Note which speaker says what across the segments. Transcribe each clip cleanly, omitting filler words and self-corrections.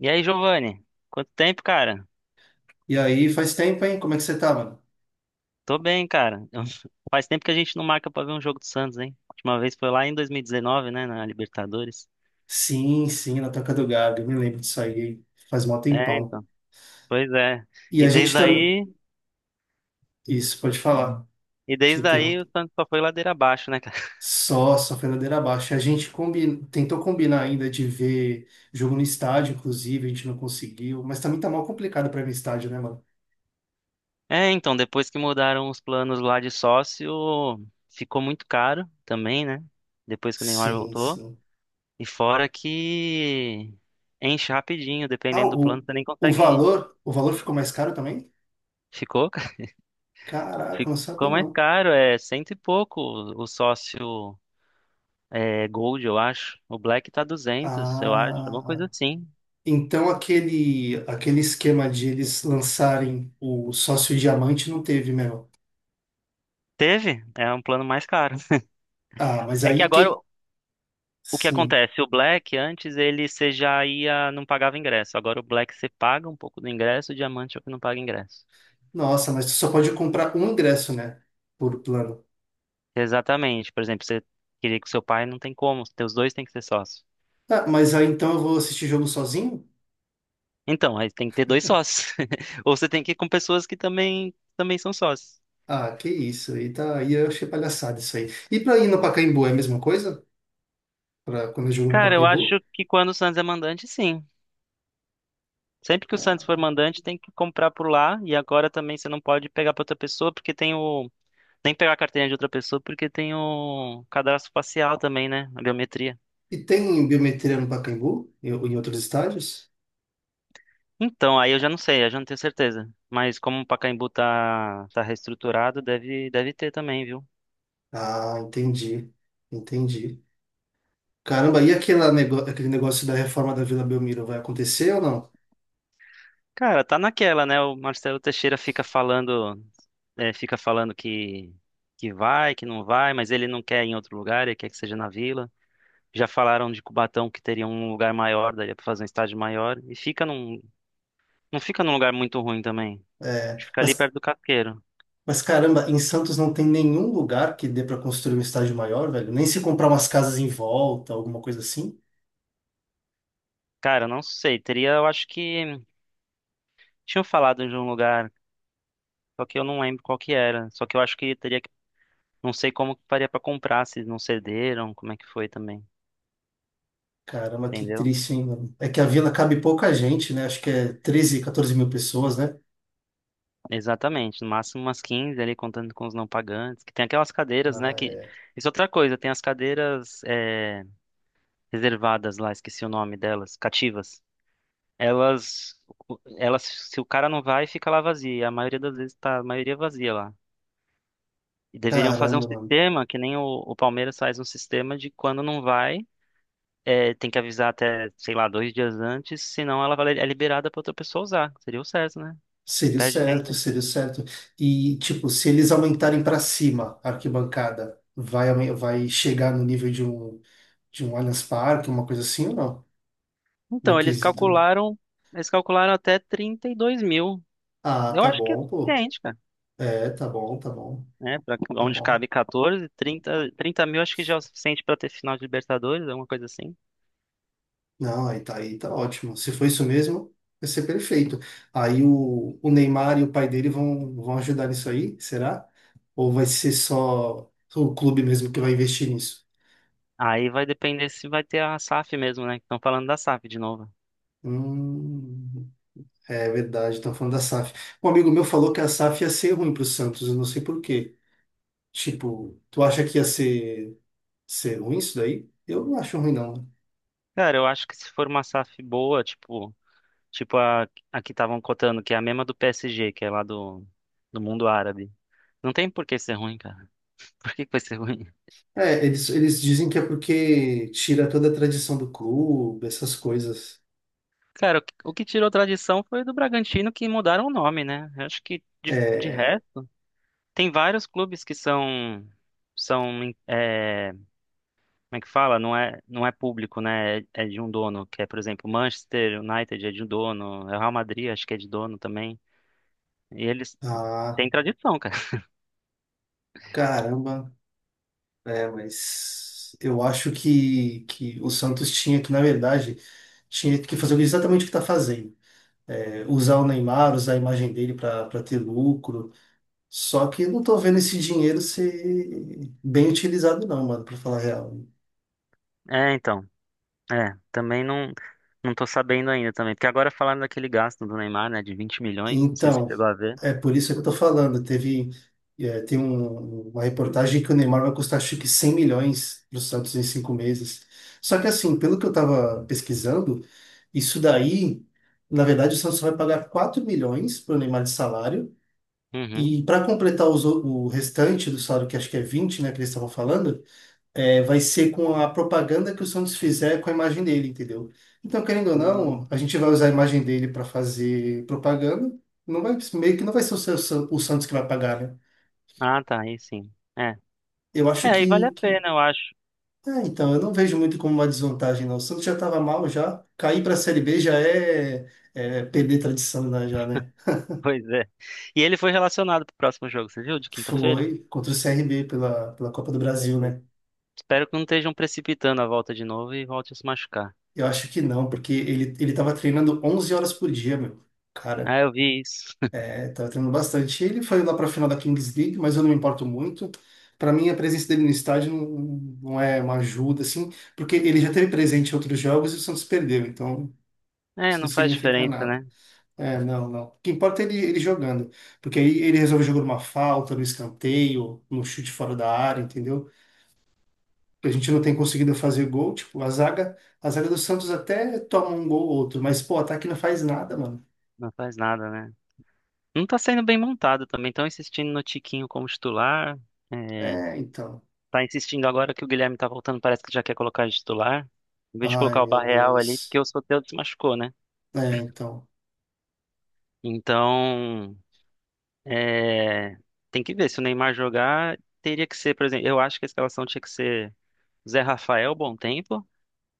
Speaker 1: E aí, Giovanni? Quanto tempo, cara?
Speaker 2: E aí, faz tempo, hein? Como é que você tá, mano?
Speaker 1: Tô bem, cara. Eu- Faz tempo que a gente não marca pra ver um jogo do Santos, hein? A última vez foi lá em 2019, né, na Libertadores.
Speaker 2: Sim, sim, na Toca do Gago. Eu me lembro disso aí. Faz mó
Speaker 1: É,
Speaker 2: tempão.
Speaker 1: então. Pois é.
Speaker 2: E a
Speaker 1: E
Speaker 2: gente
Speaker 1: desde
Speaker 2: também.
Speaker 1: aí,
Speaker 2: Isso, pode falar.
Speaker 1: e
Speaker 2: Te
Speaker 1: desde aí
Speaker 2: interrompo.
Speaker 1: o Santos só foi ladeira abaixo, né, cara?
Speaker 2: Só foi ladeira abaixo. A gente tentou combinar ainda de ver jogo no estádio, inclusive, a gente não conseguiu. Mas também tá mal complicado pra ir no estádio, né, mano?
Speaker 1: É, então, depois que mudaram os planos lá de sócio, ficou muito caro também, né? Depois que o Neymar
Speaker 2: Sim,
Speaker 1: voltou.
Speaker 2: sim.
Speaker 1: E fora que enche rapidinho,
Speaker 2: Ah,
Speaker 1: dependendo do plano,
Speaker 2: o,
Speaker 1: você nem
Speaker 2: o
Speaker 1: consegue ir.
Speaker 2: valor, o valor ficou mais caro também?
Speaker 1: Ficou?
Speaker 2: Caraca, não sabia
Speaker 1: Ficou mais
Speaker 2: não.
Speaker 1: caro, é cento e pouco o sócio Gold, eu acho. O Black tá duzentos, eu acho, alguma coisa
Speaker 2: Ah,
Speaker 1: assim.
Speaker 2: então aquele esquema de eles lançarem o sócio diamante não teve, meu.
Speaker 1: Teve, é um plano mais caro.
Speaker 2: Ah, mas
Speaker 1: É que
Speaker 2: aí
Speaker 1: agora
Speaker 2: quem.
Speaker 1: o que
Speaker 2: Sim.
Speaker 1: acontece? O Black, antes ele você já ia, não pagava ingresso. Agora o Black você paga um pouco do ingresso, o Diamante é o que não paga ingresso.
Speaker 2: Nossa, mas tu só pode comprar um ingresso, né? Por plano.
Speaker 1: Exatamente, por exemplo, você queria que seu pai, não tem como, teus dois têm que ser sócios.
Speaker 2: Ah, mas aí então eu vou assistir jogo sozinho?
Speaker 1: Então, aí tem que ter dois sócios. Ou você tem que ir com pessoas que também, são sócios.
Speaker 2: Ah, que isso. Aí tá, aí eu achei palhaçada isso aí. E pra ir no Pacaembu é a mesma coisa? Pra quando eu jogo no
Speaker 1: Cara, eu
Speaker 2: Pacaembu?
Speaker 1: acho que quando o Santos é mandante, sim. Sempre que o Santos for mandante, tem que comprar por lá. E agora também você não pode pegar para outra pessoa, porque tem o. Nem pegar a carteirinha de outra pessoa, porque tem o cadastro facial também, né? A biometria.
Speaker 2: E tem biometria no Pacaembu? Em outros estádios?
Speaker 1: Então, aí eu já não sei, eu já não tenho certeza. Mas como o Pacaembu tá reestruturado, deve ter também, viu?
Speaker 2: Ah, entendi. Entendi. Caramba, e aquele negócio da reforma da Vila Belmiro vai acontecer ou não?
Speaker 1: Cara, tá naquela, né? O Marcelo Teixeira fica falando, fica falando que vai, que não vai, mas ele não quer ir em outro lugar, ele quer que seja na Vila. Já falaram de Cubatão que teria um lugar maior, daria pra fazer um estádio maior. E fica num. Não fica num lugar muito ruim também.
Speaker 2: É,
Speaker 1: Fica ali
Speaker 2: mas,
Speaker 1: perto do Casqueiro.
Speaker 2: mas caramba, em Santos não tem nenhum lugar que dê para construir um estádio maior, velho. Nem se comprar umas casas em volta, alguma coisa assim.
Speaker 1: Cara, não sei. Teria, eu acho que. Tinham falado de um lugar, só que eu não lembro qual que era. Só que eu acho que teria que. Não sei como que faria pra comprar, se não cederam, como é que foi também.
Speaker 2: Caramba, que
Speaker 1: Entendeu?
Speaker 2: triste, hein, mano? É que a vila cabe pouca gente, né? Acho que é 13 14 mil pessoas, né?
Speaker 1: Exatamente. No máximo umas 15 ali, contando com os não pagantes. Que tem aquelas cadeiras, né?
Speaker 2: Ah,
Speaker 1: Que...
Speaker 2: é.
Speaker 1: Isso é outra coisa, tem as cadeiras reservadas lá, esqueci o nome delas, cativas. Elas, elas, se o cara não vai, fica lá vazia. E a maioria das vezes tá a maioria vazia lá. E deveriam fazer um
Speaker 2: Caramba, mano.
Speaker 1: sistema, que nem o Palmeiras faz um sistema de quando não vai, tem que avisar até, sei lá, 2 dias antes, senão é liberada para outra pessoa usar. Seria o certo, né?
Speaker 2: Seria o
Speaker 1: Perde
Speaker 2: certo,
Speaker 1: renda.
Speaker 2: seria o certo. E, tipo, se eles aumentarem para cima a arquibancada, vai chegar no nível de um, de um Allianz Parque, uma coisa assim ou não? No
Speaker 1: Então,
Speaker 2: quesito.
Speaker 1: eles calcularam até 32.000.
Speaker 2: Ah,
Speaker 1: Eu
Speaker 2: tá
Speaker 1: acho que é
Speaker 2: bom, pô.
Speaker 1: suficiente, cara.
Speaker 2: É, tá bom, tá bom,
Speaker 1: Né? Pra
Speaker 2: tá
Speaker 1: onde
Speaker 2: bom.
Speaker 1: cabe 14, 30.000 acho que já é o suficiente para ter final de Libertadores, alguma coisa assim.
Speaker 2: Não, aí tá ótimo. Se for isso mesmo, vai ser perfeito. Aí o Neymar e o pai dele vão, vão ajudar nisso aí, será? Ou vai ser só o clube mesmo que vai investir nisso?
Speaker 1: Aí vai depender se vai ter a SAF mesmo, né? Estão falando da SAF de novo.
Speaker 2: Hum, é verdade, estão falando da SAF. Um amigo meu falou que a SAF ia ser ruim pro Santos, eu não sei por quê. Tipo, tu acha que ser ruim isso daí? Eu não acho ruim, não.
Speaker 1: Cara, eu acho que se for uma SAF boa, tipo, tipo a, a que estavam cotando, que é a mesma do PSG, que é lá do mundo árabe. Não tem por que ser ruim, cara. Por que que vai ser ruim?
Speaker 2: É, eles dizem que é porque tira toda a tradição do clube, essas coisas.
Speaker 1: Cara, o que tirou tradição foi do Bragantino que mudaram o nome, né? Eu acho que de
Speaker 2: É,
Speaker 1: resto, tem vários clubes que são, são como é que fala? Não é público, né? É de um dono, que é, por exemplo, Manchester United é de um dono, é o Real Madrid, acho que é de dono também. E eles
Speaker 2: ah,
Speaker 1: têm tradição, cara.
Speaker 2: caramba. É, mas eu acho que o Santos tinha que, na verdade, tinha que fazer exatamente o que está fazendo. É, usar o Neymar, usar a imagem dele para ter lucro. Só que eu não tô vendo esse dinheiro ser bem utilizado, não, mano, para falar a real.
Speaker 1: É, então. É, também não tô sabendo ainda também, porque agora falaram daquele gasto do Neymar, né, de 20.000.000, não sei se você
Speaker 2: Então,
Speaker 1: chegou a ver.
Speaker 2: é por isso que eu tô falando. Teve, é, tem um- uma reportagem que o Neymar vai custar acho que 100 milhões para o Santos em 5 meses. Só que assim, pelo que eu estava pesquisando, isso daí, na verdade, o Santos vai pagar 4 milhões para o Neymar de salário.
Speaker 1: Uhum.
Speaker 2: E para completar os o restante do salário, que acho que é 20 né, que eles estavam falando, é, vai ser com a propaganda que o Santos fizer com a imagem dele, entendeu? Então, querendo ou
Speaker 1: Hum.
Speaker 2: não, a gente vai usar a imagem dele para fazer propaganda. Não vai, meio que não vai ser o Santos que vai pagar, né?
Speaker 1: Ah, tá, aí sim. É.
Speaker 2: Eu acho
Speaker 1: É, aí vale a
Speaker 2: que...
Speaker 1: pena, eu acho.
Speaker 2: É, então, eu não vejo muito como uma desvantagem, não. O Santos já estava mal, já. Cair para a Série B já é, é perder tradição, né, já, né?
Speaker 1: Pois é. E ele foi relacionado pro próximo jogo, você viu? De quinta-feira?
Speaker 2: Foi contra o CRB pela, pela Copa do Brasil,
Speaker 1: Entendi.
Speaker 2: né?
Speaker 1: Espero que não estejam precipitando a volta de novo e volte a se machucar.
Speaker 2: Eu acho que não, porque ele estava treinando 11 horas por dia, meu.
Speaker 1: Ah,
Speaker 2: Cara,
Speaker 1: eu vi isso.
Speaker 2: é, tá treinando bastante. Ele foi lá para a final da Kings League, mas eu não me importo muito. Para mim, a presença dele no estádio não, não é uma ajuda, assim, porque ele já teve presente em outros jogos e o Santos perdeu, então
Speaker 1: É,
Speaker 2: isso não
Speaker 1: não faz
Speaker 2: significa
Speaker 1: diferença,
Speaker 2: nada.
Speaker 1: né?
Speaker 2: É, não, não. O que importa é ele jogando, porque aí ele resolve jogar uma falta, no escanteio, no chute fora da área, entendeu? A gente não tem conseguido fazer gol, tipo, a zaga do Santos até toma um gol ou outro, mas, pô, o ataque não faz nada, mano.
Speaker 1: Não faz nada, né? Não tá sendo bem montado também. Estão insistindo no Tiquinho como titular. É,
Speaker 2: É, então.
Speaker 1: tá insistindo agora que o Guilherme tá voltando, parece que já quer colocar de titular. Em vez de
Speaker 2: Ai,
Speaker 1: colocar o
Speaker 2: meu
Speaker 1: Barreal ali,
Speaker 2: Deus.
Speaker 1: porque o Soteldo se machucou, né?
Speaker 2: É, então.
Speaker 1: Então, é, tem que ver. Se o Neymar jogar, teria que ser, por exemplo, eu acho que a escalação tinha que ser Zé Rafael, bom tempo,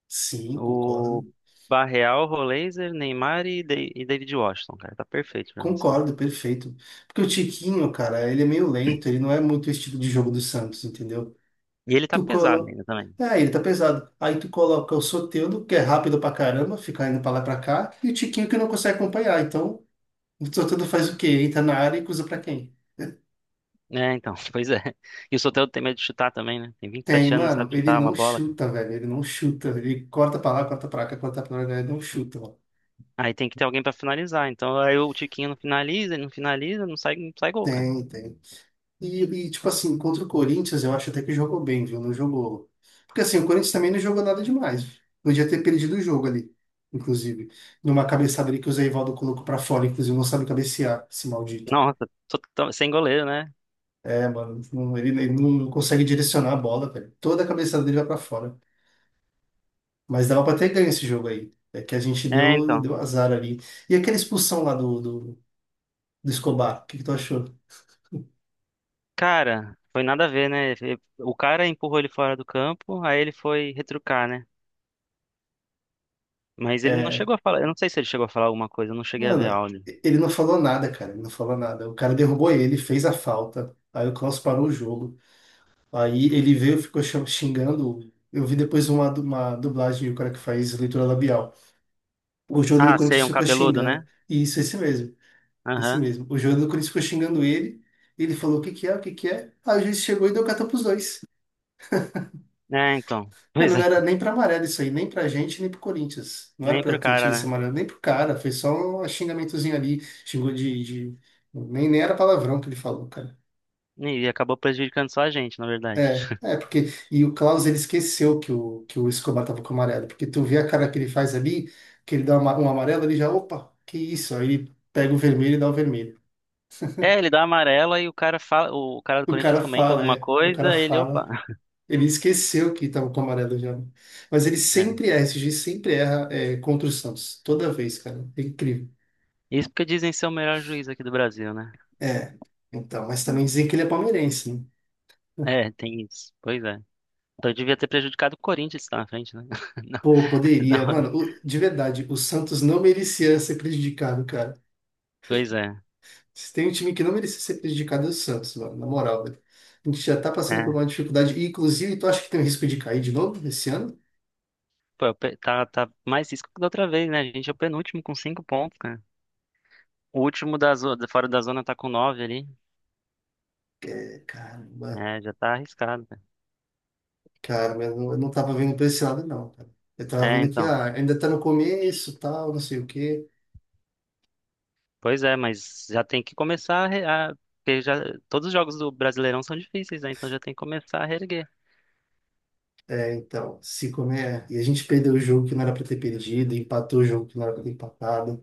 Speaker 2: Sim,
Speaker 1: o
Speaker 2: concordo.
Speaker 1: Barreal, Roleiser, Neymar e David Washington, cara. Tá perfeito pra mim.
Speaker 2: Concordo, perfeito. Porque o Tiquinho, cara, ele é meio lento, ele não é muito o estilo de jogo do Santos, entendeu?
Speaker 1: E ele tá
Speaker 2: Tu
Speaker 1: pesado
Speaker 2: colo...
Speaker 1: ainda também.
Speaker 2: Ah, ele tá pesado. Aí tu coloca o Soteldo, que é rápido pra caramba, fica indo pra lá e pra cá, e o Tiquinho que não consegue acompanhar. Então, o Soteldo faz o quê? Entra na área e cruza pra quem?
Speaker 1: É, então, pois é. E o Soteldo tem medo de chutar também, né? Tem
Speaker 2: Tem,
Speaker 1: 27 anos, não
Speaker 2: mano,
Speaker 1: sabe
Speaker 2: ele
Speaker 1: chutar é uma
Speaker 2: não
Speaker 1: bola, cara.
Speaker 2: chuta, velho, ele não chuta. Ele corta pra lá, corta pra cá, corta pra lá, ele não chuta, mano.
Speaker 1: Aí tem que ter alguém pra finalizar. Então, aí o Tiquinho não finaliza, ele não finaliza, não sai gol, cara.
Speaker 2: Tem, tem. Tipo assim, contra o Corinthians, eu acho até que jogou bem, viu? Não jogou. Porque assim, o Corinthians também não jogou nada demais. Podia ter perdido o jogo ali, inclusive. Numa cabeçada ali que o Zé Ivaldo colocou pra fora, inclusive, não sabe cabecear, esse maldito.
Speaker 1: Nossa, sem goleiro, né?
Speaker 2: É, mano, ele não consegue direcionar a bola, velho. Toda a cabeçada dele vai pra fora. Mas dava pra ter ganho esse jogo aí. É que a gente
Speaker 1: É,
Speaker 2: deu,
Speaker 1: então.
Speaker 2: deu azar ali. E aquela expulsão lá do Escobar, o que que tu achou?
Speaker 1: Cara, foi nada a ver, né? O cara empurrou ele fora do campo, aí ele foi retrucar, né? Mas ele não
Speaker 2: É,
Speaker 1: chegou a falar. Eu não sei se ele chegou a falar alguma coisa, eu não cheguei a ver
Speaker 2: mano,
Speaker 1: áudio.
Speaker 2: ele não falou nada, cara. Ele não falou nada. O cara derrubou ele, fez a falta. Aí o Klaus parou o jogo. Aí ele veio, xingando. Eu vi depois uma, uma dublagem, o cara que faz leitura labial. O jogador do
Speaker 1: Ah, sei,
Speaker 2: Corinthians
Speaker 1: um
Speaker 2: ficou
Speaker 1: cabeludo, né?
Speaker 2: xingando. E isso, esse mesmo. Esse
Speaker 1: Aham.
Speaker 2: mesmo. O jogador do Corinthians ficou xingando ele. Ele falou: o que que é, o que que é? Aí o juiz chegou e deu carta pros dois.
Speaker 1: É, então. Pois
Speaker 2: Mano, não
Speaker 1: é,
Speaker 2: era nem pra amarelo isso aí, nem pra gente, nem pro Corinthians. Não era
Speaker 1: nem
Speaker 2: pra
Speaker 1: pro
Speaker 2: ter tido
Speaker 1: cara,
Speaker 2: esse
Speaker 1: né?
Speaker 2: amarelo, nem pro cara. Foi só um xingamentozinho ali. De- nem era palavrão que ele falou, cara.
Speaker 1: E acabou prejudicando só a gente, na verdade.
Speaker 2: É, porque. E o Klaus, ele esqueceu que o Escobar tava com amarelo. Porque tu vê a cara que ele faz ali, que um amarelo, ele já, opa, que isso? Aí ele pega o vermelho e dá o vermelho.
Speaker 1: É, ele dá amarela e o cara fala, o cara do
Speaker 2: O
Speaker 1: Corinthians
Speaker 2: cara
Speaker 1: comenta
Speaker 2: fala,
Speaker 1: alguma
Speaker 2: é. O
Speaker 1: coisa,
Speaker 2: cara
Speaker 1: ele, opa.
Speaker 2: fala. Ele esqueceu que tava com amarelo já, né? Mas ele
Speaker 1: É.
Speaker 2: sempre erra, esse juiz sempre erra, é, contra o Santos. Toda vez, cara. É incrível.
Speaker 1: Isso porque dizem ser o melhor juiz aqui do Brasil, né?
Speaker 2: É, então, mas também dizem que ele é palmeirense, né?
Speaker 1: É, tem isso. Pois é. Então devia ter prejudicado o Corinthians que tá na frente, né?
Speaker 2: Pô,
Speaker 1: Não,
Speaker 2: poderia.
Speaker 1: não.
Speaker 2: Mano, de verdade, o Santos não merecia ser prejudicado, cara.
Speaker 1: Pois é.
Speaker 2: Se tem um time que não merecia ser prejudicado, é o Santos, mano, na moral, velho. A gente já tá passando por uma
Speaker 1: É.
Speaker 2: dificuldade. E, inclusive, tu acha que tem um risco de cair de novo esse ano?
Speaker 1: Tá, tá mais isso que da outra vez, né? A gente é o penúltimo com 5 pontos, cara. O último da zona, fora da zona tá com nove ali.
Speaker 2: É, caramba,
Speaker 1: É, já tá arriscado, cara.
Speaker 2: cara, mas eu não tava vendo pra esse lado, não, cara. Eu tava
Speaker 1: É,
Speaker 2: vendo que
Speaker 1: então.
Speaker 2: ah, ainda tá no começo, tal, não sei o quê.
Speaker 1: Pois é, mas já tem que começar porque já todos os jogos do Brasileirão são difíceis, né? Então já tem que começar a reerguer.
Speaker 2: É, então, se comer. E a gente perdeu o jogo que não era pra ter perdido, empatou o jogo que não era pra ter empatado.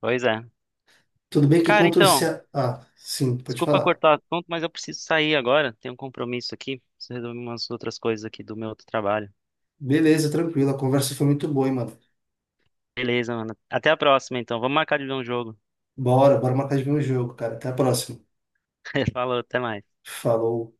Speaker 1: Pois é.
Speaker 2: Tudo bem que
Speaker 1: Cara,
Speaker 2: contra o
Speaker 1: então,
Speaker 2: Ceará. Ah, sim, pode
Speaker 1: desculpa
Speaker 2: falar.
Speaker 1: cortar o assunto, mas eu preciso sair agora. Tenho um compromisso aqui. Preciso resolver umas outras coisas aqui do meu outro trabalho.
Speaker 2: Beleza, tranquilo. A conversa foi muito boa, hein, mano.
Speaker 1: Beleza, mano. Até a próxima, então. Vamos marcar de ver um jogo.
Speaker 2: Bora, bora marcar de ver um jogo, cara. Até a próxima.
Speaker 1: Falou, até mais.
Speaker 2: Falou.